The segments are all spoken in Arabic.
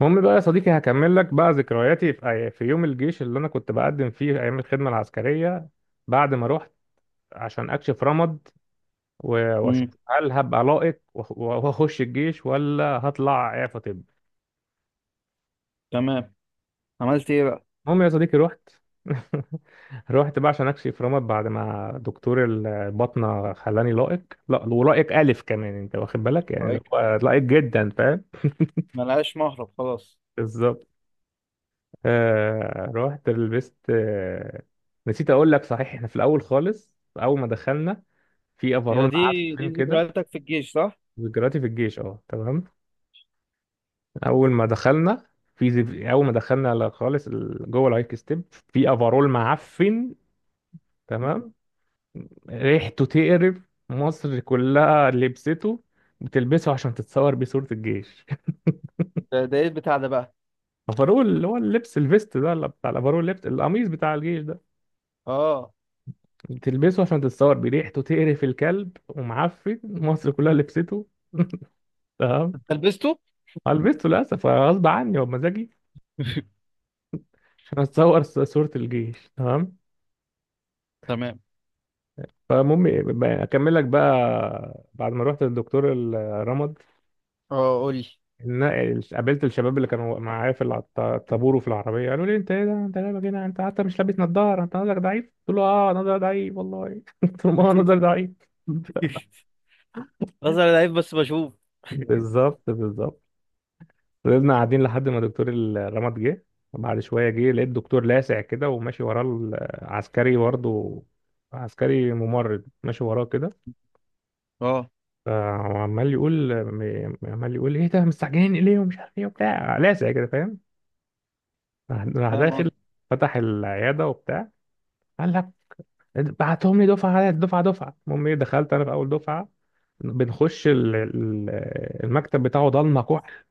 المهم بقى يا صديقي، هكمل لك بقى ذكرياتي في في يوم الجيش اللي انا كنت بقدم فيه ايام الخدمه العسكريه. بعد ما رحت عشان اكشف رمد واشوف امم. هل هبقى لائق واخش الجيش ولا هطلع اعفى؟ طب. تمام. عملت ايه بقى؟ المهم يا صديقي رحت. رحت بقى عشان اكشف رمد بعد ما دكتور الباطنه خلاني لائق. لا، ولائق الف كمان، انت واخد بالك؟ يعني اللي طيب، هو لائق جدا، فاهم؟ ملهاش مهرب خلاص. بالظبط. رحت لبست. نسيت اقول لك، صحيح، احنا في الاول خالص، اول ما دخلنا في يا افرول دي دي معفن كده. ذكرياتك في الجيش، صح؟ ذكرياتي في الجيش، اه، تمام. اول ما دخلنا في زف... اول ما دخلنا ل- خالص جوه الهايك ستيب في افرول معفن. تمام. ريحته تقرف، مصر كلها لبسته. بتلبسه عشان تتصور بيه صورة الجيش. ده ايه البتاع ده بقى؟ افرول، اللي هو اللبس الفيست ده، اللي بتاع الافرول، اللبس، القميص بتاع الجيش ده. اه، بتلبسه عشان تتصور، بريحته تقرف الكلب ومعفن، مصر كلها لبسته. تمام. انت لبسته؟ هلبسته للاسف، غصب عني وبمزاجي، عشان اتصور صورة الجيش. تمام. تمام. فالمهم، اكمل لك بقى بعد ما رحت للدكتور الرمد. اه، قول لي. قابلت الشباب اللي كانوا معايا في الطابور وفي العربيه، قالوا لي: انت ايه ده؟ انت لابس هنا، انت حتى مش لابس نظاره، انت نظرك ضعيف. قلت له: اه نظري ضعيف والله. قلت لهم: اه نظري ضعيف. بظهر لعيب بس بشوف. بالظبط بالظبط. فضلنا قاعدين لحد ما دكتور الرمد جه. وبعد شوية جه، لقيت دكتور لاسع كده، وماشي وراه العسكري برضه، عسكري ممرض ماشي وراه كده. اه، فعمال يقول عمال يقول: ايه ده مستعجلين ليه، ومش عارف ايه وبتاع، لاسع كده، فاهم؟ راح فاهم داخل. قصدي. فتح العيادة وبتاع، قال لك: بعتهم لي دفعة على دفعة. المهم ايه، دخلت انا في اول دفعة. بنخش المكتب بتاعه ضلمة كحل،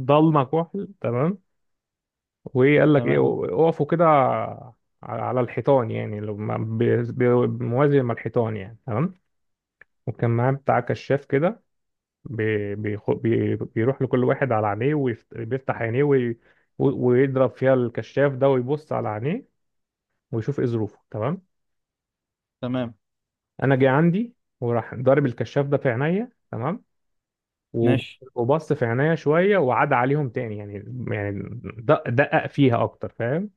ضلمة كحل. تمام. وايه قال لك ايه: تمام. اقفوا كده على الحيطان، يعني لو موازي مع الحيطان يعني. تمام. وكان معاه بتاع كشاف كده، بيروح لكل واحد على عينيه وبيفتح عينيه ويضرب فيها الكشاف ده ويبص على عينيه ويشوف ايه ظروفه. تمام. تمام. انا جه عندي، وراح ضارب الكشاف ده في عينيا. تمام. وب- ماشي. وبص في عينيا شويه وعاد عليهم تاني يعني، يعني دقق فيها اكتر، فاهم؟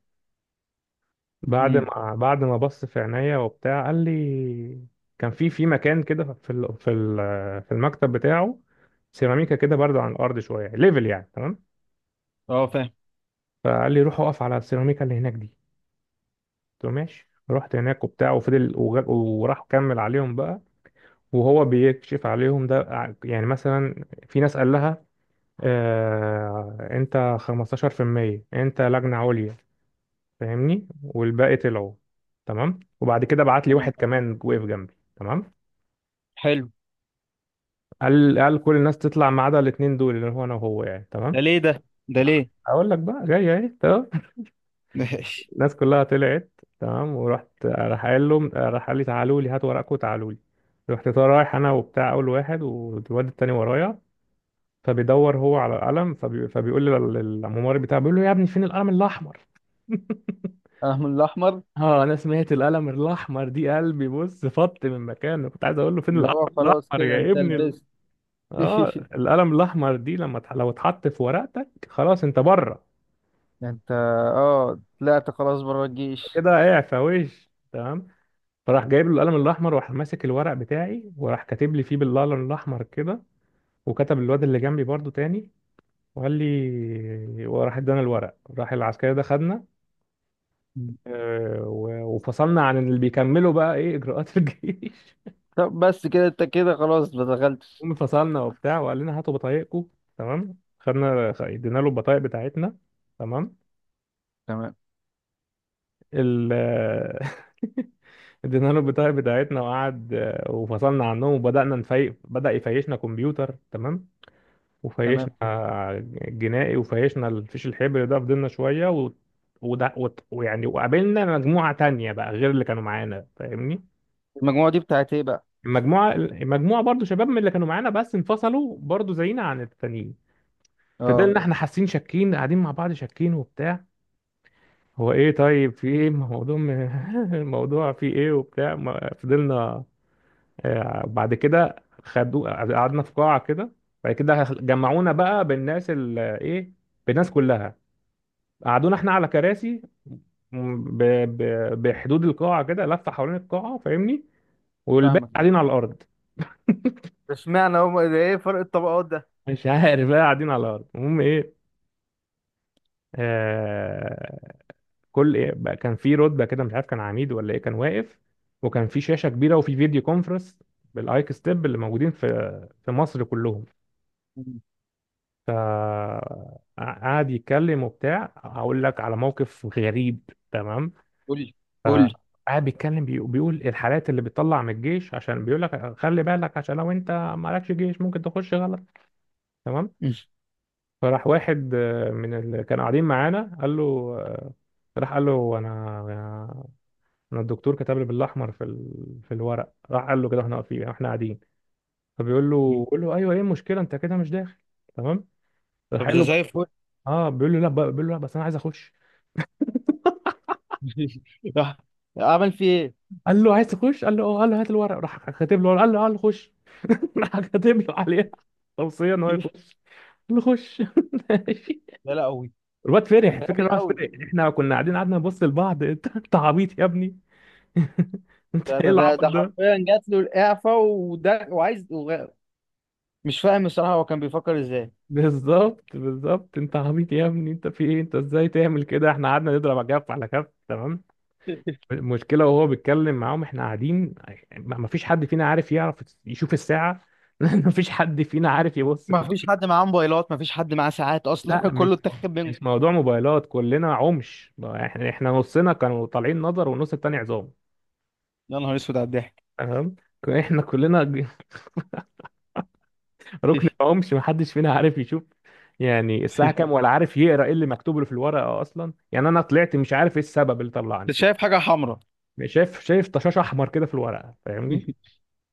بعد امم. ما بعد ما بص في عينيا وبتاع، قال لي. كان في مكان كده، في المكتب بتاعه سيراميكا كده برضه، عن الارض شويه ليفل يعني. تمام. اه، فاهم. فقال لي: روح اقف على السيراميكا اللي هناك دي. قلت له ماشي. رحت هناك وبتاع، وفضل وراح كمل عليهم بقى. وهو بيكشف عليهم ده، يعني مثلا في ناس قال لها: آه انت 15%، انت لجنه عليا، فاهمني؟ والباقي طلعوا. تمام. وبعد كده بعت لي تمام. واحد كمان، وقف جنبي. تمام. حلو. قال: كل الناس تطلع ما عدا الاتنين دول، اللي هو انا وهو يعني. تمام. ده ليه ده؟ ده ليه؟ اقول لك بقى، جاي اهي. تمام. ماشي. الناس كلها طلعت. تمام. ورحت، راح قال لي: تعالوا لي، هاتوا ورقكم، تعالوا لي. رحت طالع رايح انا وبتاع، اول واحد والواد التاني ورايا. فبيدور هو على القلم، فبيقول لي الممرض بتاعه، بيقول له: يا ابني فين القلم الاحمر؟ اهم الاحمر؟ اه، انا سمعت القلم الاحمر دي قلبي بص فط من مكانه، كنت عايز اقول له: فين اللي القلم هو خلاص الاحمر كده يا انت ابني. لبست. اه. القلم الاحمر دي لما لو اتحط في ورقتك، خلاص انت بره، انت؟ اه، طلعت خلاص بره الجيش؟ كده اعفى وش. تمام. فراح جايب له القلم الاحمر، وراح ماسك الورق بتاعي، وراح كاتب لي فيه بالقلم الاحمر كده. وكتب الواد اللي جنبي برضو تاني، وقال لي، وراح ادانا الورق. راح العسكري ده خدنا. وفصلنا عن اللي بيكملوا بقى ايه اجراءات الجيش. طب بس كده انت كده خلاص ما دخلتش؟ المهم فصلنا وبتاع، وقال لنا: هاتوا بطايقكم. تمام. ادينا له البطايق بتاعتنا. تمام. تمام. ال ادينا له البطاقة بتاعتنا وقعد. وفصلنا عنهم، بدأ يفيشنا كمبيوتر. تمام. وفيشنا تمام. جنائي، وفيشنا الفيش الحبر ده. فضلنا شوية وده وت... ويعني وقابلنا مجموعة تانية بقى غير اللي كانوا معانا، فاهمني؟ المجموعة دي بتاعت ايه بقى؟ المجموعة برضو شباب من اللي كانوا معانا، بس انفصلوا برضو زينا عن التانيين. اه، فضلنا احنا حاسين شاكين، قاعدين مع بعض شاكين وبتاع، هو ايه؟ طيب، في ايه موضوع الموضوع في ايه وبتاع؟ ما فضلنا. بعد كده خدوا، قعدنا في قاعة كده. بعد كده جمعونا بقى بالناس ال... ايه بالناس كلها. قعدونا احنا على كراسي م- ب... ب... بحدود القاعة كده، لفة حوالين القاعة، فاهمني؟ والباقي فاهمك. قاعدين على الأرض، ده اشمعنى هم؟ ده ايه فرق الطبقات ده؟ مش عارف بقى، قاعدين على الأرض. المهم ايه، آه، كل إيه بقى، كان في رتبه كده، مش عارف كان عميد ولا ايه، كان واقف. وكان في شاشه كبيره، وفي فيديو كونفرنس بالايك ستيب اللي موجودين في مصر كلهم. مم. قعد يتكلم وبتاع، هقول لك على موقف غريب. تمام. قول لي. قول لي. فقعد بيتكلم، بيقول الحالات اللي بتطلع من الجيش، عشان بيقول لك خلي بالك، عشان لو انت مالكش جيش ممكن تخش غلط. تمام. فراح واحد من اللي كانوا قاعدين معانا قال له، آه، راح قال له: انا الدكتور كتب لي بالاحمر في الورق. راح قال له: كده احنا واقفين يعني، احنا قاعدين. فبيقول مم. له بيقول له: ايوه، ايه المشكله؟ انت كده مش داخل. تمام. راح طب قال ده له: بس. زي الفل. قول اه، بيقول له: لا بس انا عايز اخش. لي. راح عمل فيه قال له: عايز تخش؟ قال له: اه. قال له: هات الورق. راح كاتب له. قال له قال له آه، خش. راح كاتب له عليها توصيه ان هو ايه؟ يخش، قال له خش. ماشي. ده لا قوي. الواد فرح، ده الفكره غبي إن الواد قوي. فرح، احنا كنا قاعدين قعدنا نبص لبعض. انت عبيط يا ابني. ده انت ايه ده ده, العبط ده ده؟ حرفيا جات له الإعفاء، وده وعايز وغ-. مش فاهم الصراحة، هو كان بيفكر ازاي؟ بالظبط بالظبط، انت عبيط يا ابني، انت في ايه، انت ازاي تعمل كده؟ احنا قعدنا نضرب على كف على كف. تمام. المشكله، وهو بيتكلم معاهم احنا قاعدين، ما فيش حد فينا عارف يعرف يشوف الساعه. لان ما فيش حد فينا عارف يبص في ما الساعه. فيش حد معاه موبايلات، ما فيش حد معاه ساعات اصلا. لا، مش كله اتاخد منه. مش موضوع موبايلات، كلنا عمش. احنا نصنا كانوا طالعين نظر، والنص التاني عظام. يا نهار اسود على الضحك. تمام. احنا كلنا ركن عمش، ما حدش فينا عارف يشوف يعني الساعة كام، ولا عارف يقرأ ايه اللي مكتوب له في الورقة أصلا، يعني أنا طلعت مش عارف ايه السبب اللي طلعني. انت شايف حاجة حمراء؟ شايف؟ شايف طشاش احمر كده في الورقه، فاهمني؟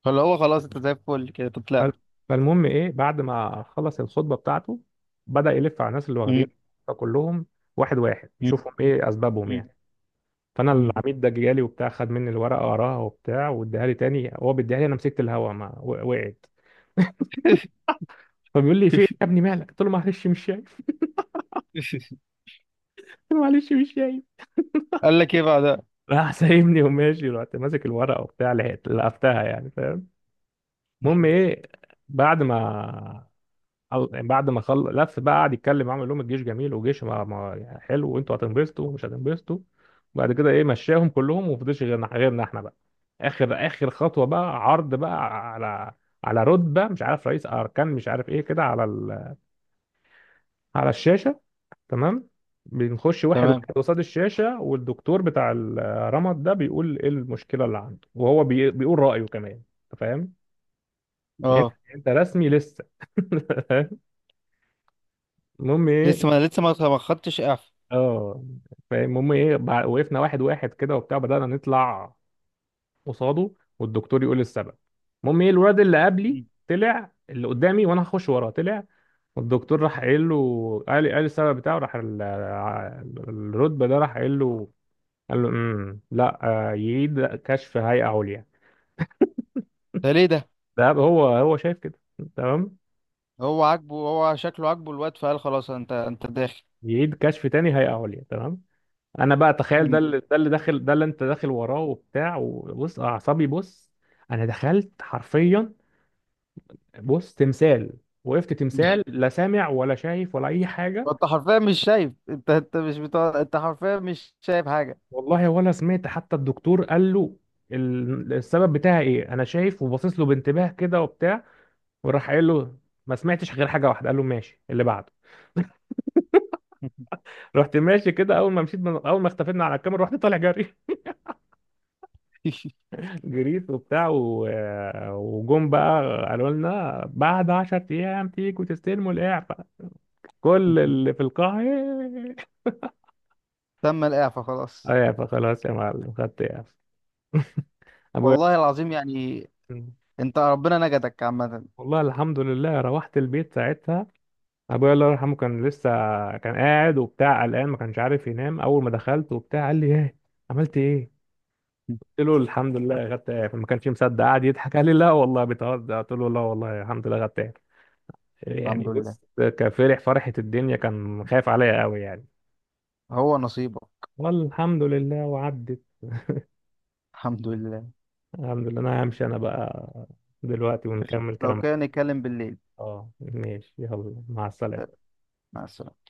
فاللي هو خلاص انت زي الفل كده تطلع. فال- فالمهم ايه، بعد ما خلص الخطبه بتاعته، بدا يلف على الناس اللي واخدين، مم، فكلهم واحد واحد مم، يشوفهم ايه اسبابهم مم، يعني. فانا مم. العميد ده جالي وبتاع، خد مني الورقه قراها وبتاع، واداها لي تاني. هو بيديها لي، انا مسكت الهوا ما و- وقعت. فبيقول لي: في ايه يا ابني مالك؟ قلت له: معلش مش شايف. قلت له: معلش مش شايف. قال لك ايه بعدها؟ راح سايبني وماشي. رحت ماسك الورقه وبتاع، لحقت لقفتها يعني، فاهم؟ المهم ايه، بعد ما خلص لف بقى، قعد يتكلم معاهم يقول لهم الجيش جميل، وجيش ما يعني حلو، وانتوا هتنبسطوا ومش هتنبسطوا. وبعد كده ايه مشاهم كلهم، ومفضلش غيرنا، غيرنا احنا بقى. اخر اخر خطوه بقى، عرض بقى على على رتبه، مش عارف رئيس اركان مش عارف ايه، كده على الشاشه. تمام. بنخش واحد واحد تمام. قصاد الشاشه، والدكتور بتاع الرمد ده بيقول ايه المشكله اللي عنده، وهو بيقول رايه كمان. انت فاهم؟ يعني انت اه، انت رسمي لسه. المهم لسه، ايه، ما لسه ما خدتش اعفاء. اه فاهم. المهم ايه، وقفنا واحد واحد كده وبتاع، بدأنا نطلع قصاده، والدكتور يقول السبب. المهم ايه، الواد اللي قبلي مم. طلع، اللي قدامي وانا هخش وراه، طلع. والدكتور راح قايل له، قال السبب بتاعه، راح الرتبه ده راح قايل له، قال له: لا، يعيد كشف هيئه عليا. ده ليه ده؟ ده هو شايف كده. تمام. هو عاجبه، هو شكله عاجبه الواد، فقال خلاص انت داخل. يعيد كشف تاني هيئه عليا. تمام. انا بقى تخيل، مم. ده اللي انت داخل وراه وبتاع، وبص اعصابي، بص. انا دخلت حرفيا، بص، تمثال. وقفت تمثال، لا سامع ولا شايف ولا اي حاجه. انت حرفيا مش شايف، انت مش بتاع، انت حرفيا مش شايف حاجه. والله ولا سمعت حتى الدكتور قال له السبب بتاعي ايه، انا شايف وباصص له بانتباه كده وبتاع، وراح قايل له. ما سمعتش غير حاجه واحده، قال له: ماشي، اللي بعده. رحت ماشي كده، اول ما مشيت، من اول ما اختفينا على الكاميرا، رحت طالع جري. جريت وبتاع وجم بقى قالوا لنا: بعد 10 ايام تيجوا تستلموا الاعفاء. كل اللي في القاعه: "إيه". تم الاعفاء خلاص؟ اعفاء خلاص يا معلم، خدت اعفاء. ابويا والله العظيم يعني. انت ربنا نجدك عامه. والله الحمد لله، روحت البيت ساعتها. ابويا الله يرحمه كان لسه كان قاعد وبتاع قلقان، ما كانش عارف ينام. اول ما دخلت وبتاع قال لي: ايه، عملت ايه؟ قلت له: الحمد لله، خدت اعفاء. ما كانش مصدق، قعد يضحك قال لي: لا والله بتهزر. قلت له: لا والله، الحمد لله خدت اعفاء. يعني الحمد لله. بص، كفرح فرحة الدنيا، كان خايف عليا قوي يعني. هو نصيبه. والحمد لله وعدت. الحمد لله. الحمد لله، انا همشي انا بقى دلوقتي، ونكمل لو كلام. كان يتكلم بالليل. اه ماشي، يلا مع السلامة. مع السلامة.